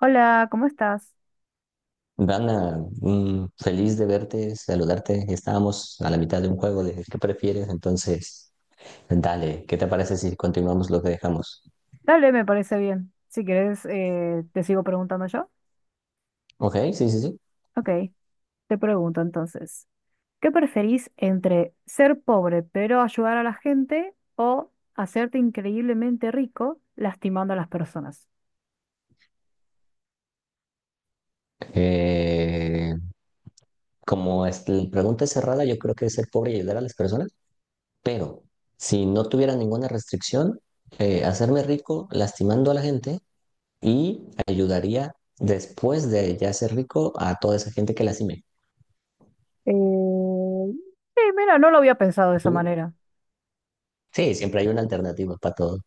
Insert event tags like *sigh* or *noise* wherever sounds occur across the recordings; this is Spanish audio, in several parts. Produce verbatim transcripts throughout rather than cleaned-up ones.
Hola, ¿cómo estás? Dana, mm, feliz de verte, saludarte. Estábamos a la mitad de un juego de ¿qué prefieres? Entonces, dale, ¿qué te parece si continuamos lo que dejamos? Dale, me parece bien. Si quieres, eh, te sigo preguntando yo. Ok, sí, sí, sí. Ok, te pregunto entonces, ¿qué preferís entre ser pobre pero ayudar a la gente o hacerte increíblemente rico lastimando a las personas? Eh, como es- la pregunta es cerrada, yo creo que es ser pobre y ayudar a las personas, pero si no tuviera ninguna restricción, eh, hacerme rico lastimando a la gente y ayudaría después de ya ser rico a toda esa gente que lastime. Eh, sí, mira, no lo había pensado de esa ¿Tú? manera. Sí, siempre hay una alternativa para todo.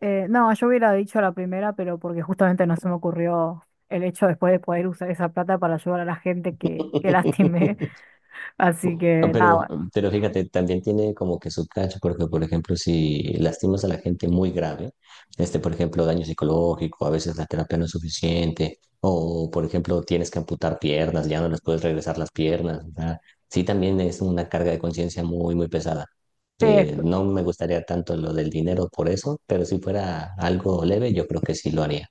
Eh, no, yo hubiera dicho la primera, pero porque justamente no se me ocurrió el hecho después de poder usar esa plata para ayudar a la gente que, que lastimé. *laughs* *laughs* Así No, que nada, Pero, bueno. pero fíjate, también tiene como que su cacho, porque por ejemplo, si lastimas a la gente muy grave, este, por ejemplo, daño psicológico, a veces la terapia no es suficiente, o por ejemplo, tienes que amputar piernas, ya no les puedes regresar las piernas, o sea, sí también es una carga de conciencia muy, muy pesada. Sí, Eh, no me gustaría tanto lo del dinero por eso, pero si fuera algo leve, yo creo que sí lo haría.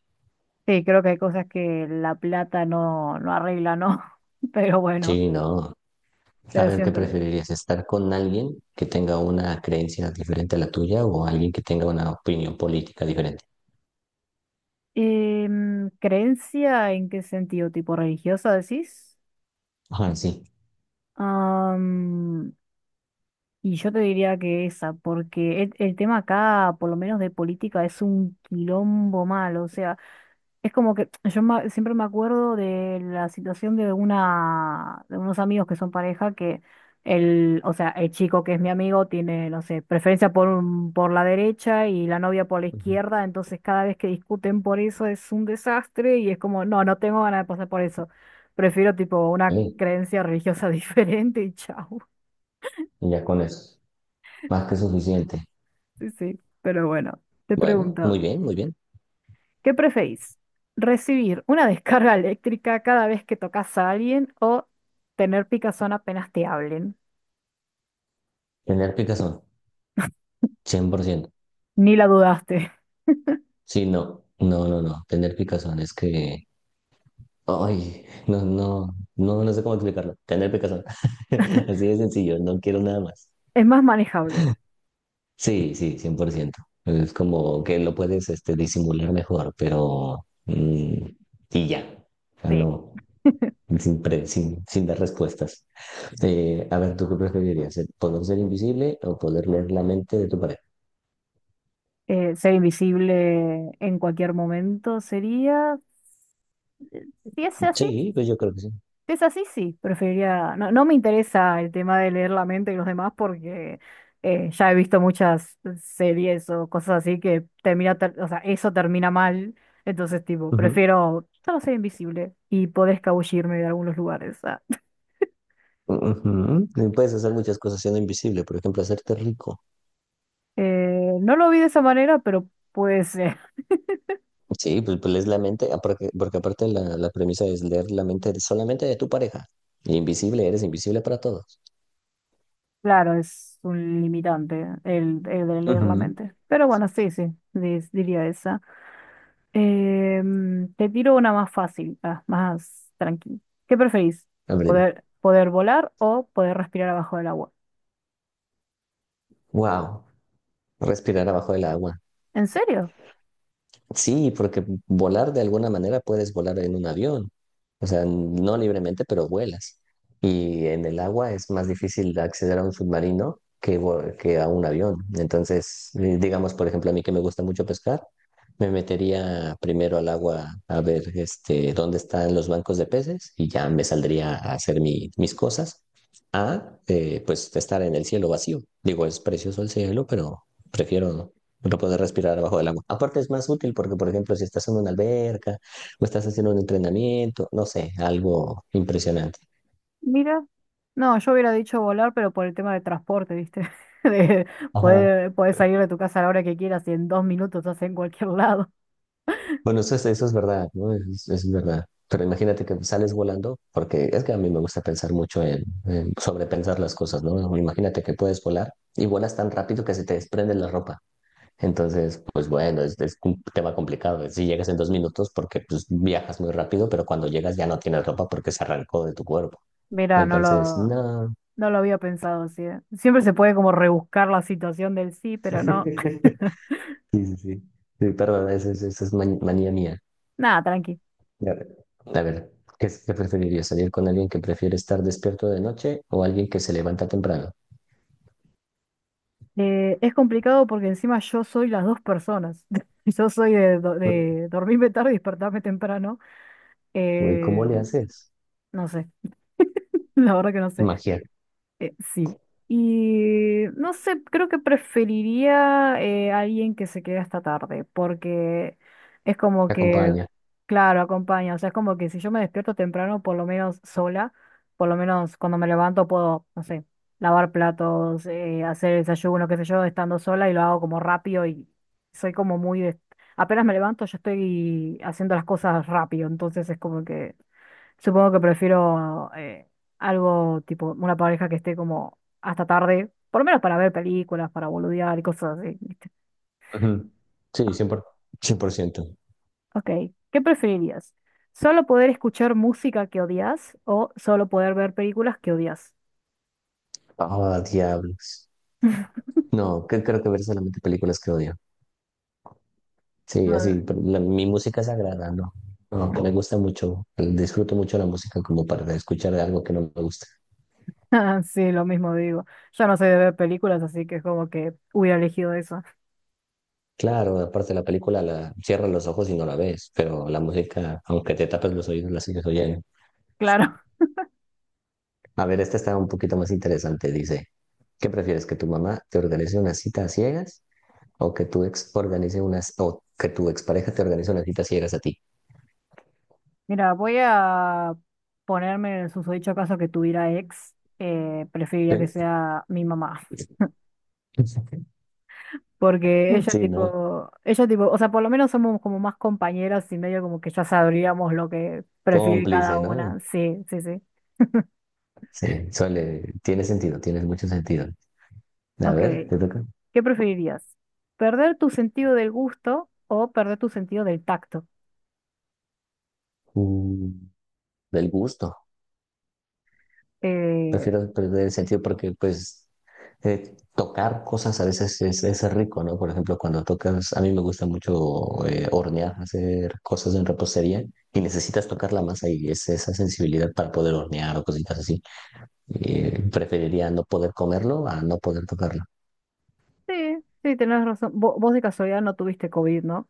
sí, creo que hay cosas que la plata no, no arregla, ¿no? *laughs* Pero bueno, Sí, no. A pero ver, ¿qué siempre. preferirías? ¿Estar con alguien que tenga una creencia diferente a la tuya o alguien que tenga una opinión política diferente? Em, ¿creencia en qué sentido? ¿Tipo religiosa decís? Ajá, sí. Am, y yo te diría que esa, porque el, el tema acá, por lo menos de política, es un quilombo malo. O sea, es como que *tsk* yo ma- siempre me acuerdo de la situación de una de unos amigos que son pareja que el, o sea, el chico que es mi amigo tiene, no sé, preferencia por un- por la derecha y la novia por la Ujú. izquierda, entonces cada vez que discuten por eso es un desastre y es como, no, no tengo ganas de pasar por eso. Prefiero tipo una Ok, creencia religiosa *laughs* diferente y chau. ya con eso. Más que Sí, suficiente. sí, sí, pero bueno, te Bueno, pregunto. muy bien, muy bien. ¿Qué preferís? ¿Recibir una descarga *laughs* eléctrica cada vez que tocas a alguien o tener picazón apenas te hablen? Tener picazón, cien por ciento. Ni la dudaste. *laughs* Sí, no, no, no, no. Tener picazón es que... Ay, no, no, no, no sé cómo explicarlo. Tener picazón. *laughs* Así de sencillo, no quiero nada más. Es más manejable. Sí, sí, cien por ciento. Es como que lo puedes este, disimular mejor, pero... mm, y ya. O sea, Sí. no, sin, pre- sin, sin dar respuestas. Eh, a ver, ¿tú qué preferirías? ¿El ¿Poder ser invisible o poder leer la mente de tu pareja? Eh, ser invisible en cualquier momento sería... eh, si es así, Sí, pues yo creo que sí. es así, sí, preferiría, no, no me interesa el tema de leer la mente de los demás porque eh, ya he visto muchas series o cosas así que termina, ter- o sea, eso termina mal, entonces tipo, Ujú. prefiero solo ser invisible y poder escabullirme de algunos lugares. Ah. *laughs* Ujú. Y puedes hacer muchas cosas siendo invisible, por ejemplo, hacerte rico. Eh, no lo vi de esa manera, pero puede ser. Sí, pues, pues lees la mente, ah, porque, porque aparte la, la premisa es leer la mente solamente de tu pareja. Y invisible, eres invisible para todos. *laughs* Claro, es un limitante el, el de leer la Ujú. mente. Pero bueno, sí, sí, dis- diría esa. Em, te tiro una más fácil, ah, más tranquila. ¿Qué preferís? A ver, Poder volar o poder respirar abajo del agua. wow. Respirar abajo del agua. ¿En serio? Sí, porque volar de alguna manera puedes volar en un avión. O sea, no libremente, pero vuelas. Y en el agua es más difícil acceder a un submarino que, vo- que a un avión. Entonces, eh, digamos, por ejemplo, a mí que me gusta mucho pescar, me metería primero al agua a ver este, dónde están los bancos de peces y ya me saldría a hacer mi- mis cosas. A, eh, pues estar en el cielo vacío. Digo, es precioso el cielo, pero prefiero no poder respirar abajo del agua. Aparte es más útil porque, por ejemplo, si estás en una alberca o estás haciendo un entrenamiento, no sé, algo impresionante. Mira. No, yo hubiera dicho volar, pero por el tema de transporte, ¿viste? *laughs* De poder, poder salir de tu casa a la hora que quieras y en dos minutos estás en cualquier lado. Bueno, eso, es- eso es verdad, ¿no? Eso es, es verdad. Pero imagínate que sales volando, porque es que a mí me gusta pensar mucho en, en sobrepensar las cosas, ¿no? Imagínate que puedes volar y vuelas tan rápido que se te desprende la ropa. Entonces, pues bueno, es, es un tema complicado. Si llegas en dos minutos, porque pues viajas muy rápido, pero cuando llegas ya no tienes ropa porque se arrancó de tu cuerpo. Mira, no Entonces, lo, no. no lo había pensado así, ¿eh? Siempre se puede como rebuscar la situación del sí, pero no. *laughs* *laughs* Sí, sí, sí. Sí, perdón, esa es, esa es man- manía mía. Nada, tranqui. Ya. A ver, ¿qué, qué preferirías? ¿Salir con alguien que prefiere estar despierto de noche o alguien que se levanta temprano? Eh, es complicado porque encima yo soy las dos personas. *laughs* Yo soy de, do- de dormirme tarde y despertarme temprano. Uy, Eh, ¿cómo le haces? no sé, *laughs* la verdad que no sé. Magia, Eh, sí. Y no sé, creo que preferiría eh, alguien que se quede hasta tarde, porque es como te que, acompaña. claro, acompaña. O sea, es como que si yo me despierto temprano, por lo menos sola, por lo menos cuando me levanto puedo, no sé, lavar platos, eh, hacer desayuno, qué sé yo, estando sola y lo hago como rápido y soy como muy de- apenas me levanto, yo estoy haciendo las cosas rápido, entonces es como que supongo que prefiero eh, algo tipo una pareja que esté como hasta tarde, por lo menos para ver películas, para boludear y cosas así, ¿viste? Ujú. Sí, cien por ciento cien por ciento. Ok, ¿qué preferirías? ¿Solo poder escuchar música que odias o solo poder ver películas que odias? Ah, diablos. No, que, creo que ver solamente películas que odio. Sí, así, pero la- mi música sagrada, no. No, me gusta mucho, disfruto mucho la música como para escuchar algo que no me gusta. Ah, *laughs* sí, lo mismo digo. Yo no soy de ver películas, así que es como que hubiera elegido eso. *laughs* Claro, aparte la película la cierras los ojos y no la ves, pero la música, aunque te tapes los oídos, la sigues oyendo. Claro. A ver, esta está un poquito más interesante. Dice, ¿qué prefieres? ¿Que tu mamá te organice una cita a ciegas o que tu ex organice unas, o que tu expareja te organice una cita a ciegas a ti? Mira, voy a ponerme en el susodicho caso que tuviera ex. Eh, preferiría que ¿Eh? sea mi mamá. *laughs* Porque ella Sí, ¿no? tipo, ella tipo, o sea, por lo menos somos como más compañeras y medio como que ya sabríamos lo que prefiere cada Cómplice, ¿no? una. Sí, sí, sí. Sí, suele, tiene sentido, tiene mucho sentido. A Ok, ver, te toca. ¿qué preferirías? ¿Perder tu sentido del gusto o perder tu sentido del tacto? Mm, Del gusto. Eh, Prefiero perder el sentido porque, pues, eh, tocar cosas a veces es, es rico, ¿no? Por ejemplo, cuando tocas, a mí me gusta mucho eh, hornear, hacer cosas en repostería y necesitas tocar la masa y es esa sensibilidad para poder hornear o cositas así. Eh, preferiría no poder comerlo a no poder tocarlo. sí, sí, tenés razón. Vo- vos de casualidad no tuviste COVID, ¿no?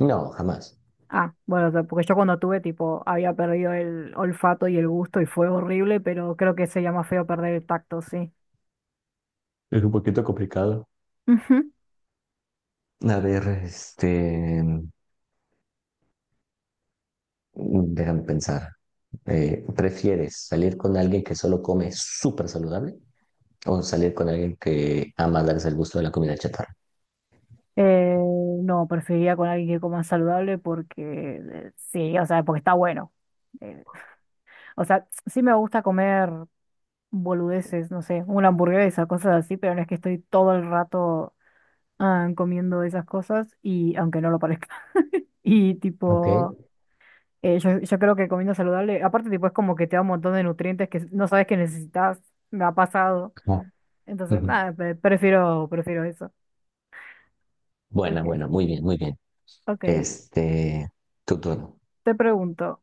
No, jamás. Ah, bueno, o sea, porque yo cuando tuve, tipo, había perdido el olfato y el gusto y fue horrible, pero creo que sería más feo perder el tacto, sí. Es un poquito complicado. Ujú. A ver, este, déjame pensar. Eh, ¿prefieres salir con alguien que solo come súper saludable o salir con alguien que ama darse el gusto de la comida chatarra. Eh, no, preferiría con alguien que coma saludable porque eh, sí, o sea, porque está bueno. Eh, o sea, sí me gusta comer boludeces, no sé, una hamburguesa, cosas así, pero no es que estoy todo el rato ah, comiendo esas cosas y aunque no lo parezca. *laughs* Y Ok. tipo, eh, yo, yo creo que comiendo saludable, aparte tipo es como que te da un montón de nutrientes que no sabes que necesitas, me ha pasado. Ah, Entonces, ujú. nada, pre- prefiero, prefiero eso. Buena, Ok, buena, muy bien, muy bien. ok. Este, tu turno. Te pregunto.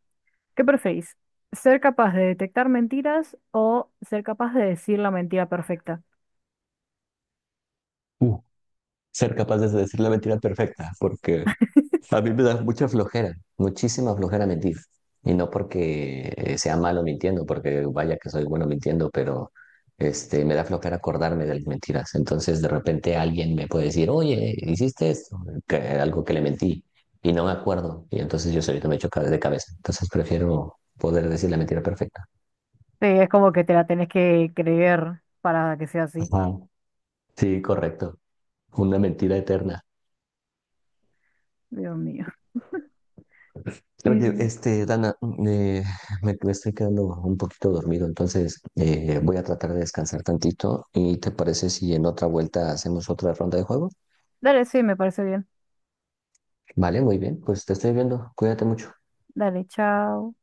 ¿Qué preferís? ¿Ser capaz de detectar mentiras o ser capaz de decir la mentira perfecta? Ser capaz de decir la mentira perfecta, porque a mí me da mucha flojera, muchísima flojera mentir. Y no porque eh, sea malo mintiendo, porque vaya que soy bueno mintiendo, pero este, me da flojera acordarme de las mentiras. Entonces de repente alguien me puede decir, oye, hiciste esto, que- algo que le mentí, y no me acuerdo. Y entonces yo solito me echo ca- de cabeza. Entonces prefiero poder decir la mentira perfecta. Sí, es como que te la tenés que creer para que sea así. Ajá. Sí, correcto. Una mentira eterna. Dios mío. Oye, Eh, este, Dana, eh, *laughs* me, me estoy quedando un poquito dormido, entonces eh, voy a tratar de descansar tantito. ¿Y te parece si en otra vuelta hacemos otra ronda de juego? dale, sí, me parece bien. Vale, muy bien, pues te estoy viendo. Cuídate mucho. Dale, chao.